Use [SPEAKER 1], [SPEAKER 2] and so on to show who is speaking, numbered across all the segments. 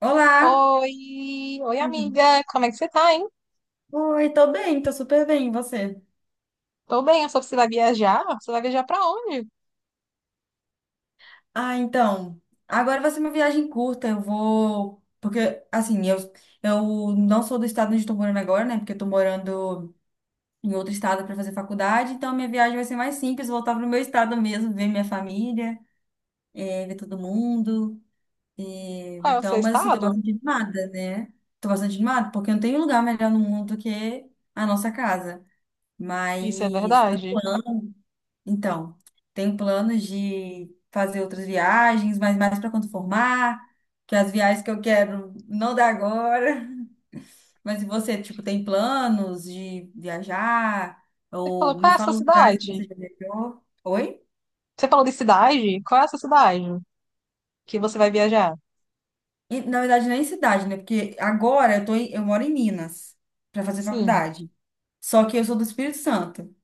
[SPEAKER 1] Olá!
[SPEAKER 2] Oi, oi
[SPEAKER 1] Uhum.
[SPEAKER 2] amiga, como é que você tá, hein?
[SPEAKER 1] Oi, tô bem, tô super bem, e você?
[SPEAKER 2] Tô bem, eu soube que você vai viajar. Você vai viajar pra onde?
[SPEAKER 1] Ah, então, agora vai ser uma viagem curta, eu vou... Porque, assim, eu, não sou do estado onde eu tô morando agora, né? Porque eu tô morando em outro estado para fazer faculdade, então minha viagem vai ser mais simples, voltar pro meu estado mesmo, ver minha família, ver todo mundo.
[SPEAKER 2] Qual é o seu
[SPEAKER 1] Mas assim, tô
[SPEAKER 2] estado?
[SPEAKER 1] bastante animada, né? Tô bastante animada, porque não tem lugar melhor no mundo do que a nossa casa. Mas...
[SPEAKER 2] Isso é verdade?
[SPEAKER 1] Então, tenho planos de fazer outras viagens, mas mais para quando formar, que as viagens que eu quero não dá agora. Mas e você, tipo, tem planos de viajar?
[SPEAKER 2] Você
[SPEAKER 1] Ou
[SPEAKER 2] falou qual
[SPEAKER 1] me
[SPEAKER 2] é a sua
[SPEAKER 1] fala os lugares que
[SPEAKER 2] cidade?
[SPEAKER 1] você já viajou? Oi?
[SPEAKER 2] Você falou de cidade? Qual é a sua cidade que você vai viajar?
[SPEAKER 1] E, na verdade, nem cidade, né? Porque agora eu moro em Minas para fazer
[SPEAKER 2] Sim.
[SPEAKER 1] faculdade. Só que eu sou do Espírito Santo,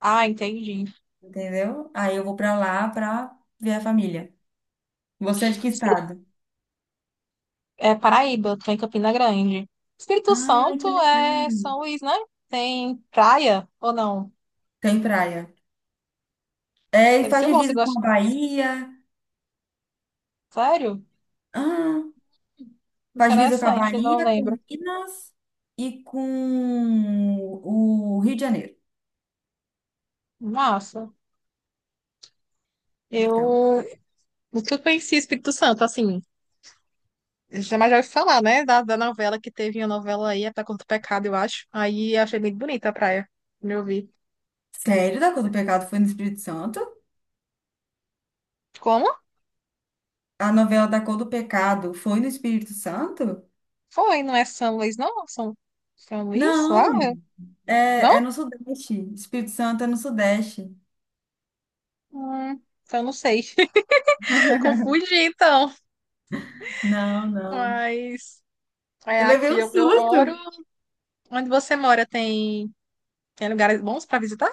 [SPEAKER 2] Ah, entendi.
[SPEAKER 1] entendeu? Aí eu vou para lá para ver a família. Você é de que
[SPEAKER 2] Espí-
[SPEAKER 1] estado?
[SPEAKER 2] É Paraíba, tô em Campina Grande. Espírito
[SPEAKER 1] Ai,
[SPEAKER 2] Santo
[SPEAKER 1] que
[SPEAKER 2] é
[SPEAKER 1] legal.
[SPEAKER 2] São Luís, né? Tem praia ou não?
[SPEAKER 1] Tem praia. É, e
[SPEAKER 2] Deve
[SPEAKER 1] faz
[SPEAKER 2] ser bom, você
[SPEAKER 1] divisa com
[SPEAKER 2] gosta.
[SPEAKER 1] a Bahia.
[SPEAKER 2] Sério?
[SPEAKER 1] Ah, faz divisa com a
[SPEAKER 2] Interessante, não
[SPEAKER 1] Bahia, com
[SPEAKER 2] lembro.
[SPEAKER 1] Minas e com o Rio de Janeiro.
[SPEAKER 2] Massa.
[SPEAKER 1] Então,
[SPEAKER 2] Eu nunca conheci Espírito Santo, assim. Jamais já ouvi falar, né? Da novela que teve uma novela aí, até contra o pecado, eu acho. Aí eu achei muito bonita a praia. Me ouvi.
[SPEAKER 1] sério, da Cor do Pecado foi no Espírito Santo?
[SPEAKER 2] Como?
[SPEAKER 1] A novela da Cor do Pecado foi no Espírito Santo?
[SPEAKER 2] Foi, não é São Luís, não? São Luís? Lá? É,
[SPEAKER 1] Não,
[SPEAKER 2] Não?
[SPEAKER 1] é no Sudeste. Espírito Santo é no Sudeste.
[SPEAKER 2] Hum, então não sei. Confundi, então.
[SPEAKER 1] Não, não.
[SPEAKER 2] Mas é
[SPEAKER 1] Eu levei
[SPEAKER 2] aqui
[SPEAKER 1] um
[SPEAKER 2] onde eu moro.
[SPEAKER 1] susto.
[SPEAKER 2] Onde você mora tem lugares bons para visitar?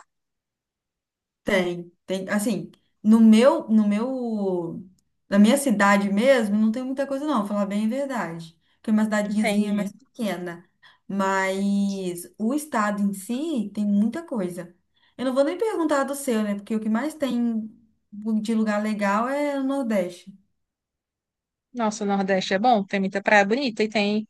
[SPEAKER 1] Tem, tem, assim, no meu, no meu, na minha cidade mesmo, não tem muita coisa não, vou falar bem a verdade, porque é uma cidadezinha
[SPEAKER 2] Entendi.
[SPEAKER 1] mais pequena, mas o estado em si tem muita coisa. Eu não vou nem perguntar do seu, né, porque o que mais tem de lugar legal é o Nordeste.
[SPEAKER 2] Nossa, o Nordeste é bom, tem muita praia bonita e tem.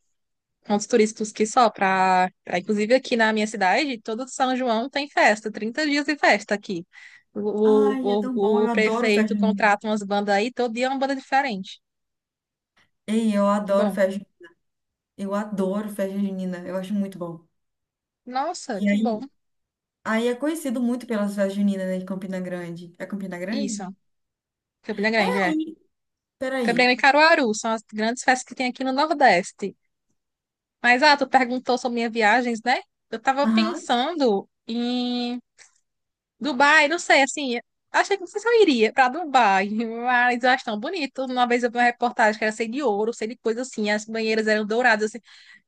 [SPEAKER 2] Pontos turísticos que só para, inclusive aqui na minha cidade, todo São João tem festa, 30 dias de festa aqui. O, o,
[SPEAKER 1] Ai, é tão bom,
[SPEAKER 2] o,
[SPEAKER 1] eu
[SPEAKER 2] o
[SPEAKER 1] adoro festa
[SPEAKER 2] prefeito
[SPEAKER 1] junina.
[SPEAKER 2] contrata umas bandas aí, todo dia é uma banda diferente.
[SPEAKER 1] Ei, eu
[SPEAKER 2] Que
[SPEAKER 1] adoro
[SPEAKER 2] bom.
[SPEAKER 1] festa, ju- Eu adoro festa junina, eu acho muito bom.
[SPEAKER 2] Nossa,
[SPEAKER 1] E
[SPEAKER 2] que bom.
[SPEAKER 1] aí, aí é conhecido muito pelas festas juninas, né, de Campina Grande. É Campina Grande?
[SPEAKER 2] Isso, Campina
[SPEAKER 1] É.
[SPEAKER 2] Grande, é.
[SPEAKER 1] Aí, peraí.
[SPEAKER 2] Campina Grande e Caruaru são as grandes festas que tem aqui no Nordeste. Mas, ah, tu perguntou sobre minhas viagens, né? Eu tava
[SPEAKER 1] Aham.
[SPEAKER 2] pensando em Dubai, não sei, assim, achei que não sei se eu iria pra Dubai, mas eu acho tão bonito. Uma vez eu vi uma reportagem que era sei de ouro, sei de coisa assim, as banheiras eram douradas, assim.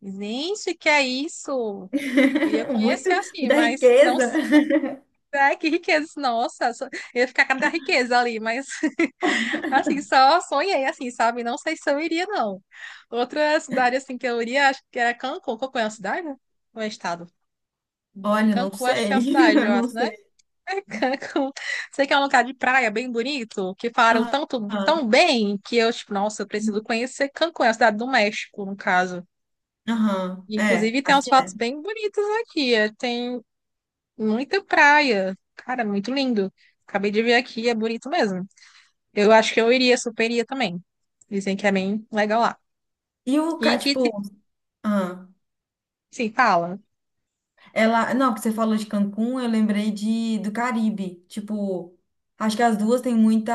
[SPEAKER 2] Gente, que é isso? Queria
[SPEAKER 1] Muito,
[SPEAKER 2] conhecer assim,
[SPEAKER 1] muita
[SPEAKER 2] mas não
[SPEAKER 1] riqueza.
[SPEAKER 2] sei. Ai, que riqueza, nossa, só- eu ia ficar com a cara da riqueza ali, mas assim, só sonhei, assim, sabe? Não sei se eu iria, não. Outra cidade, assim, que eu iria, acho que era Cancún, Cancún é uma cidade, né? Ou é estado?
[SPEAKER 1] Olha, não
[SPEAKER 2] Cancún, acho que
[SPEAKER 1] sei.
[SPEAKER 2] é uma cidade,
[SPEAKER 1] eu
[SPEAKER 2] eu
[SPEAKER 1] Não
[SPEAKER 2] acho, né?
[SPEAKER 1] sei.
[SPEAKER 2] Cancún. Sei que é um lugar de praia bem bonito, que falaram
[SPEAKER 1] Aham.
[SPEAKER 2] tanto, tão bem, que eu, tipo, nossa, eu preciso conhecer Cancún, é a cidade do México, no caso.
[SPEAKER 1] Aham.
[SPEAKER 2] E,
[SPEAKER 1] É,
[SPEAKER 2] inclusive, tem
[SPEAKER 1] acho
[SPEAKER 2] umas
[SPEAKER 1] que
[SPEAKER 2] fotos
[SPEAKER 1] é.
[SPEAKER 2] bem bonitas aqui. Tem muita praia. Cara, muito lindo. Acabei de ver aqui, é bonito mesmo. Eu acho que eu iria, super iria também. Dizem que é bem legal lá.
[SPEAKER 1] E o,
[SPEAKER 2] E
[SPEAKER 1] ca-
[SPEAKER 2] que,
[SPEAKER 1] tipo, ah,
[SPEAKER 2] sim, fala.
[SPEAKER 1] ela, não, que você falou de Cancún, eu lembrei de do Caribe. Tipo, acho que as duas têm muita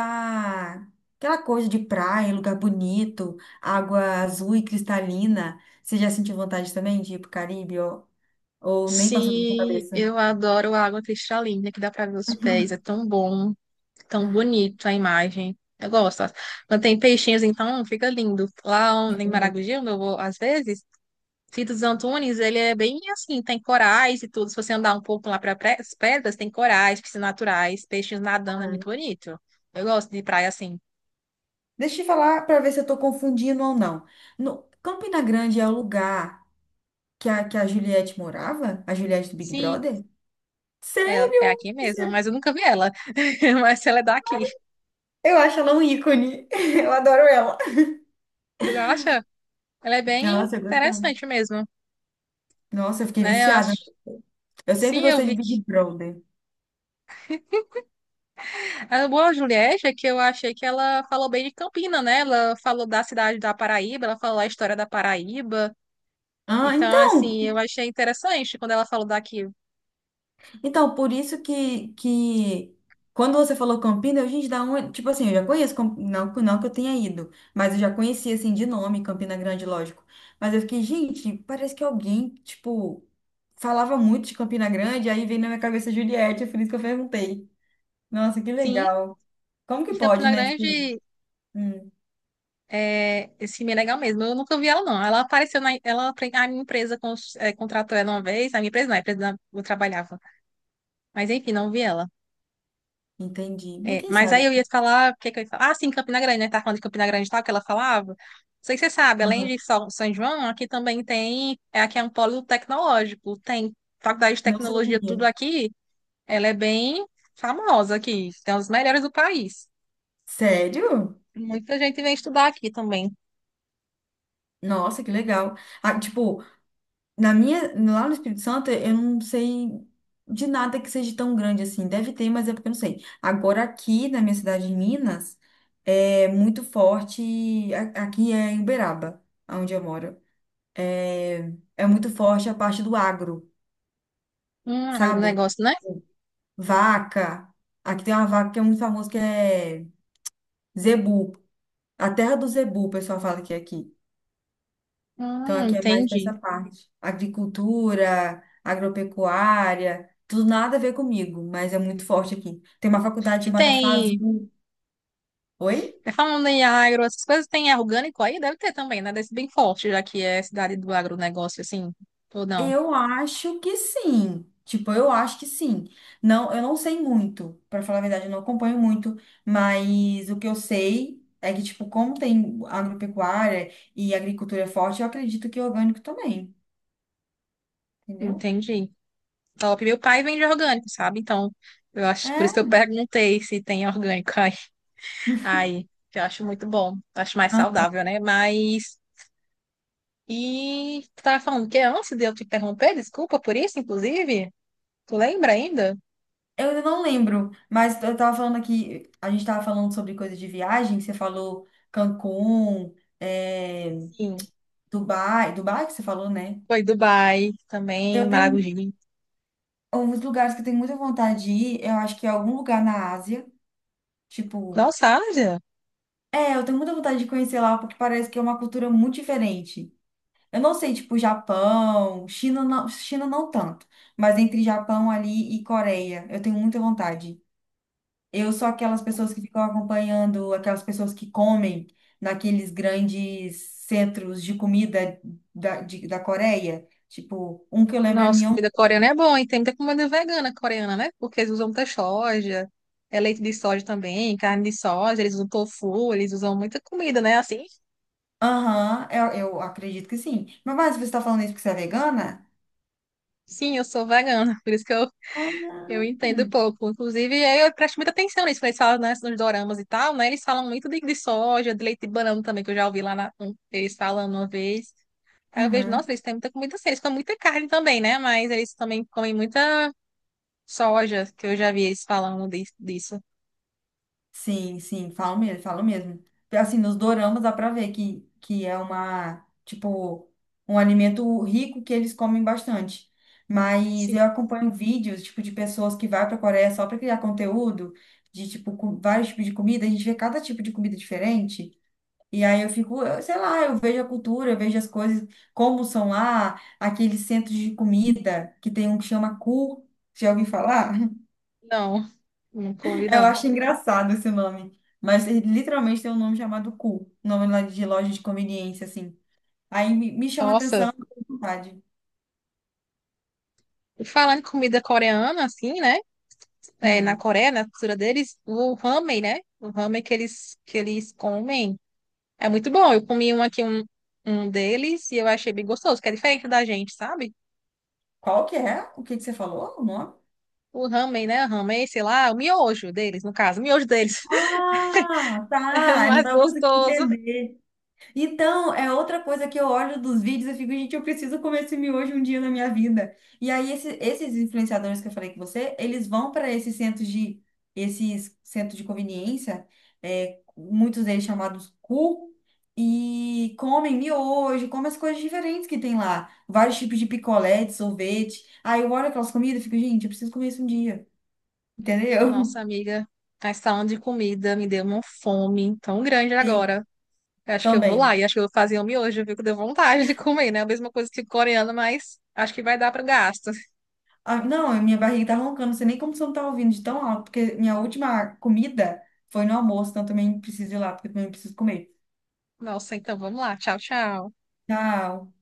[SPEAKER 1] aquela coisa de praia, lugar bonito, água azul e cristalina. Você já sentiu vontade também de ir pro Caribe ou, nem passou pela sua
[SPEAKER 2] Sim,
[SPEAKER 1] cabeça?
[SPEAKER 2] eu adoro a água cristalina que dá para ver os pés. É tão bom, tão bonito a imagem. Eu gosto. Quando tem peixinhos, então fica lindo. Lá em Maragogi, onde eu vou às vezes, Fito dos Antunes, ele é bem assim, tem corais e tudo. Se você andar um pouco lá para as pedras, tem corais, piscinas naturais, peixinhos nadando, é muito bonito. Eu gosto de praia assim.
[SPEAKER 1] Deixa eu falar para ver se eu estou confundindo ou não. No, Campina Grande é o lugar que a Juliette morava? A Juliette do Big
[SPEAKER 2] Sim,
[SPEAKER 1] Brother?
[SPEAKER 2] é, é
[SPEAKER 1] Sério?
[SPEAKER 2] aqui mesmo, mas
[SPEAKER 1] Você-
[SPEAKER 2] eu nunca vi ela. Mas ela é daqui.
[SPEAKER 1] eu acho ela um ícone. Eu adoro ela.
[SPEAKER 2] Tu acha? Ela é bem
[SPEAKER 1] Nossa, eu gostava.
[SPEAKER 2] interessante mesmo,
[SPEAKER 1] Nossa, eu fiquei
[SPEAKER 2] né? Eu
[SPEAKER 1] viciada.
[SPEAKER 2] acho.
[SPEAKER 1] Eu sempre
[SPEAKER 2] Sim, eu
[SPEAKER 1] gostei
[SPEAKER 2] vi
[SPEAKER 1] de Big
[SPEAKER 2] que.
[SPEAKER 1] Brother.
[SPEAKER 2] A boa Juliette é que eu achei que ela falou bem de Campina, né? Ela falou da cidade da Paraíba, ela falou a história da Paraíba.
[SPEAKER 1] Ah,
[SPEAKER 2] Então,
[SPEAKER 1] então.
[SPEAKER 2] assim, eu achei interessante quando ela falou daqui.
[SPEAKER 1] Então, por isso que quando você falou Campina, eu, gente, da onde? Tipo assim, eu já conheço, não que eu tenha ido, mas eu já conhecia, assim, de nome, Campina Grande, lógico. Mas eu fiquei, gente, parece que alguém, tipo, falava muito de Campina Grande, aí veio na minha cabeça Juliette, foi isso que eu perguntei. Nossa, que
[SPEAKER 2] Sim,
[SPEAKER 1] legal. Como que
[SPEAKER 2] em
[SPEAKER 1] pode,
[SPEAKER 2] Campina
[SPEAKER 1] né? Tipo,
[SPEAKER 2] Grande
[SPEAKER 1] hum,
[SPEAKER 2] é esse filme é legal mesmo. Eu nunca vi ela, não. Ela apareceu na. Ela, a minha empresa contratou ela uma vez, a minha empresa não, eu trabalhava. Mas enfim, não vi ela.
[SPEAKER 1] entendi. Mas
[SPEAKER 2] É,
[SPEAKER 1] quem
[SPEAKER 2] mas aí
[SPEAKER 1] sabe?
[SPEAKER 2] eu ia falar, o que que eu ia falar? Ah, sim, Campina Grande, né? Tá falando de Campina Grande e tal, que ela falava. Não sei se você sabe, além
[SPEAKER 1] Aham.
[SPEAKER 2] de São João, aqui também tem, é, aqui é um polo tecnológico, tem faculdade de
[SPEAKER 1] Não
[SPEAKER 2] tecnologia,
[SPEAKER 1] sabia.
[SPEAKER 2] tudo aqui, ela é bem famosa aqui, tem as melhores do país.
[SPEAKER 1] Sério?
[SPEAKER 2] Muita gente vem estudar aqui também.
[SPEAKER 1] Nossa, que legal. Ah, tipo, na minha, lá no Espírito Santo, eu não sei de nada que seja tão grande assim. Deve ter, mas é porque eu não sei. Agora, aqui na minha cidade de Minas, é muito forte. Aqui é em Uberaba, onde eu moro. É muito forte a parte do agro, sabe?
[SPEAKER 2] Agronegócio, né?
[SPEAKER 1] Vaca. Aqui tem uma vaca que é muito famosa, que é zebu. A terra do zebu, o pessoal fala que é aqui. Então, aqui é mais essa
[SPEAKER 2] Entendi.
[SPEAKER 1] parte. Agricultura, agropecuária, tudo nada a ver comigo, mas é muito forte aqui. Tem uma faculdade
[SPEAKER 2] E
[SPEAKER 1] chamada FASU. Oi?
[SPEAKER 2] falando em agro, essas coisas, tem é orgânico aí? Deve ter também, né? Desse bem forte, já que é cidade do agronegócio, assim, ou não?
[SPEAKER 1] Eu acho que sim. Tipo, eu acho que sim. Não, eu não sei muito, para falar a verdade, eu não acompanho muito, mas o que eu sei é que, tipo, como tem agropecuária e agricultura forte, eu acredito que é orgânico também, entendeu?
[SPEAKER 2] Entendi. Top. Meu pai vende orgânico, sabe? Então, eu acho, por isso que eu
[SPEAKER 1] É.
[SPEAKER 2] perguntei se tem orgânico aí. Aí, que eu acho muito bom. Acho mais saudável, né? Mas. E tu tava falando que antes de eu te interromper, desculpa por isso, inclusive. Tu lembra ainda?
[SPEAKER 1] Eu ainda não lembro, mas eu tava falando aqui, a gente tava falando sobre coisa de viagem, você falou Cancún, é,
[SPEAKER 2] Sim.
[SPEAKER 1] Dubai, Dubai que você falou, né?
[SPEAKER 2] Foi Dubai também,
[SPEAKER 1] Eu tenho
[SPEAKER 2] Maragogi.
[SPEAKER 1] alguns lugares que eu tenho muita vontade de ir, eu acho que é algum lugar na Ásia, tipo,
[SPEAKER 2] Nossa, Ásia.
[SPEAKER 1] é, eu tenho muita vontade de conhecer lá, porque parece que é uma cultura muito diferente. Eu não sei, tipo, Japão, China não tanto, mas entre Japão ali e Coreia, eu tenho muita vontade. Eu sou aquelas pessoas que ficam acompanhando aquelas pessoas que comem naqueles grandes centros de comida da Coreia. Tipo, um que eu lembro é
[SPEAKER 2] Nossa,
[SPEAKER 1] Myeong.
[SPEAKER 2] comida coreana é bom, e tem muita comida vegana coreana, né? Porque eles usam muita soja, é leite de soja também, carne de soja, eles usam tofu, eles usam muita comida, né? Assim,
[SPEAKER 1] Aham, eu acredito que sim. Mas você está falando isso porque você é vegana?
[SPEAKER 2] sim, eu sou vegana, por isso que eu
[SPEAKER 1] Ah,
[SPEAKER 2] entendo pouco. Inclusive, eu presto muita atenção nisso, quando eles falam né, nos doramas e tal, né? Eles falam muito de soja, de leite de banana também, que eu já ouvi eles falando uma vez. Aí eu vejo,
[SPEAKER 1] aham.
[SPEAKER 2] nossa, eles têm muita comida assim, eles comem muita carne também, né? Mas eles também comem muita soja, que eu já vi eles falando disso.
[SPEAKER 1] Sim, sim, falo mesmo, falo mesmo. Assim, nos doramas dá pra ver que é uma, tipo, um alimento rico que eles comem bastante. Mas
[SPEAKER 2] Sim,
[SPEAKER 1] eu acompanho vídeos, tipo, de pessoas que vai pra Coreia só pra criar conteúdo, de, tipo, com vários tipos de comida, a gente vê cada tipo de comida diferente. E aí eu fico, sei lá, eu vejo a cultura, eu vejo as coisas, como são lá, aqueles centros de comida, que tem um que chama Ku, já ouvi falar?
[SPEAKER 2] não, não comi
[SPEAKER 1] Eu
[SPEAKER 2] não.
[SPEAKER 1] acho engraçado esse nome. Mas ele literalmente tem um nome chamado Cu. Nome lá de loja de conveniência, assim. Aí me chama a atenção,
[SPEAKER 2] Nossa,
[SPEAKER 1] eu tenho vontade.
[SPEAKER 2] e falando em comida coreana, assim, né? É, na
[SPEAKER 1] Hum,
[SPEAKER 2] Coreia, na cultura deles, o ramen, né? O ramen que eles comem. É muito bom. Eu comi um aqui, um deles, e eu achei bem gostoso, que é diferente da gente, sabe?
[SPEAKER 1] qual que é? O que que você falou? O nome?
[SPEAKER 2] O ramen, né? Ramen, sei lá, o miojo deles, no caso, o miojo deles.
[SPEAKER 1] Ah,
[SPEAKER 2] É
[SPEAKER 1] tá. Eu não
[SPEAKER 2] mais
[SPEAKER 1] tava conseguindo
[SPEAKER 2] gostoso.
[SPEAKER 1] entender. Então, é outra coisa que eu olho dos vídeos e fico, gente, eu preciso comer esse miojo um dia na minha vida. E aí, esses influenciadores que eu falei com você, eles vão para esses centros de conveniência, é, muitos deles chamados cu, e comem miojo, comem as coisas diferentes que tem lá. Vários tipos de picolé, de sorvete. Aí eu olho aquelas comidas e fico, gente, eu preciso comer isso um dia. Entendeu?
[SPEAKER 2] Nossa, amiga, essa falando de comida me deu uma fome tão grande
[SPEAKER 1] Sim,
[SPEAKER 2] agora. Eu acho que eu vou lá
[SPEAKER 1] também.
[SPEAKER 2] e acho que eu vou fazer o miojo, viu? Que deu vontade de comer, né? A mesma coisa que coreano, mas acho que vai dar para gasto.
[SPEAKER 1] Ah, não, a minha barriga tá roncando, não sei nem como você não tá ouvindo de tão alto, porque minha última comida foi no almoço, então eu também preciso ir lá, porque eu também preciso comer.
[SPEAKER 2] Nossa, então vamos lá. Tchau, tchau.
[SPEAKER 1] Tchau.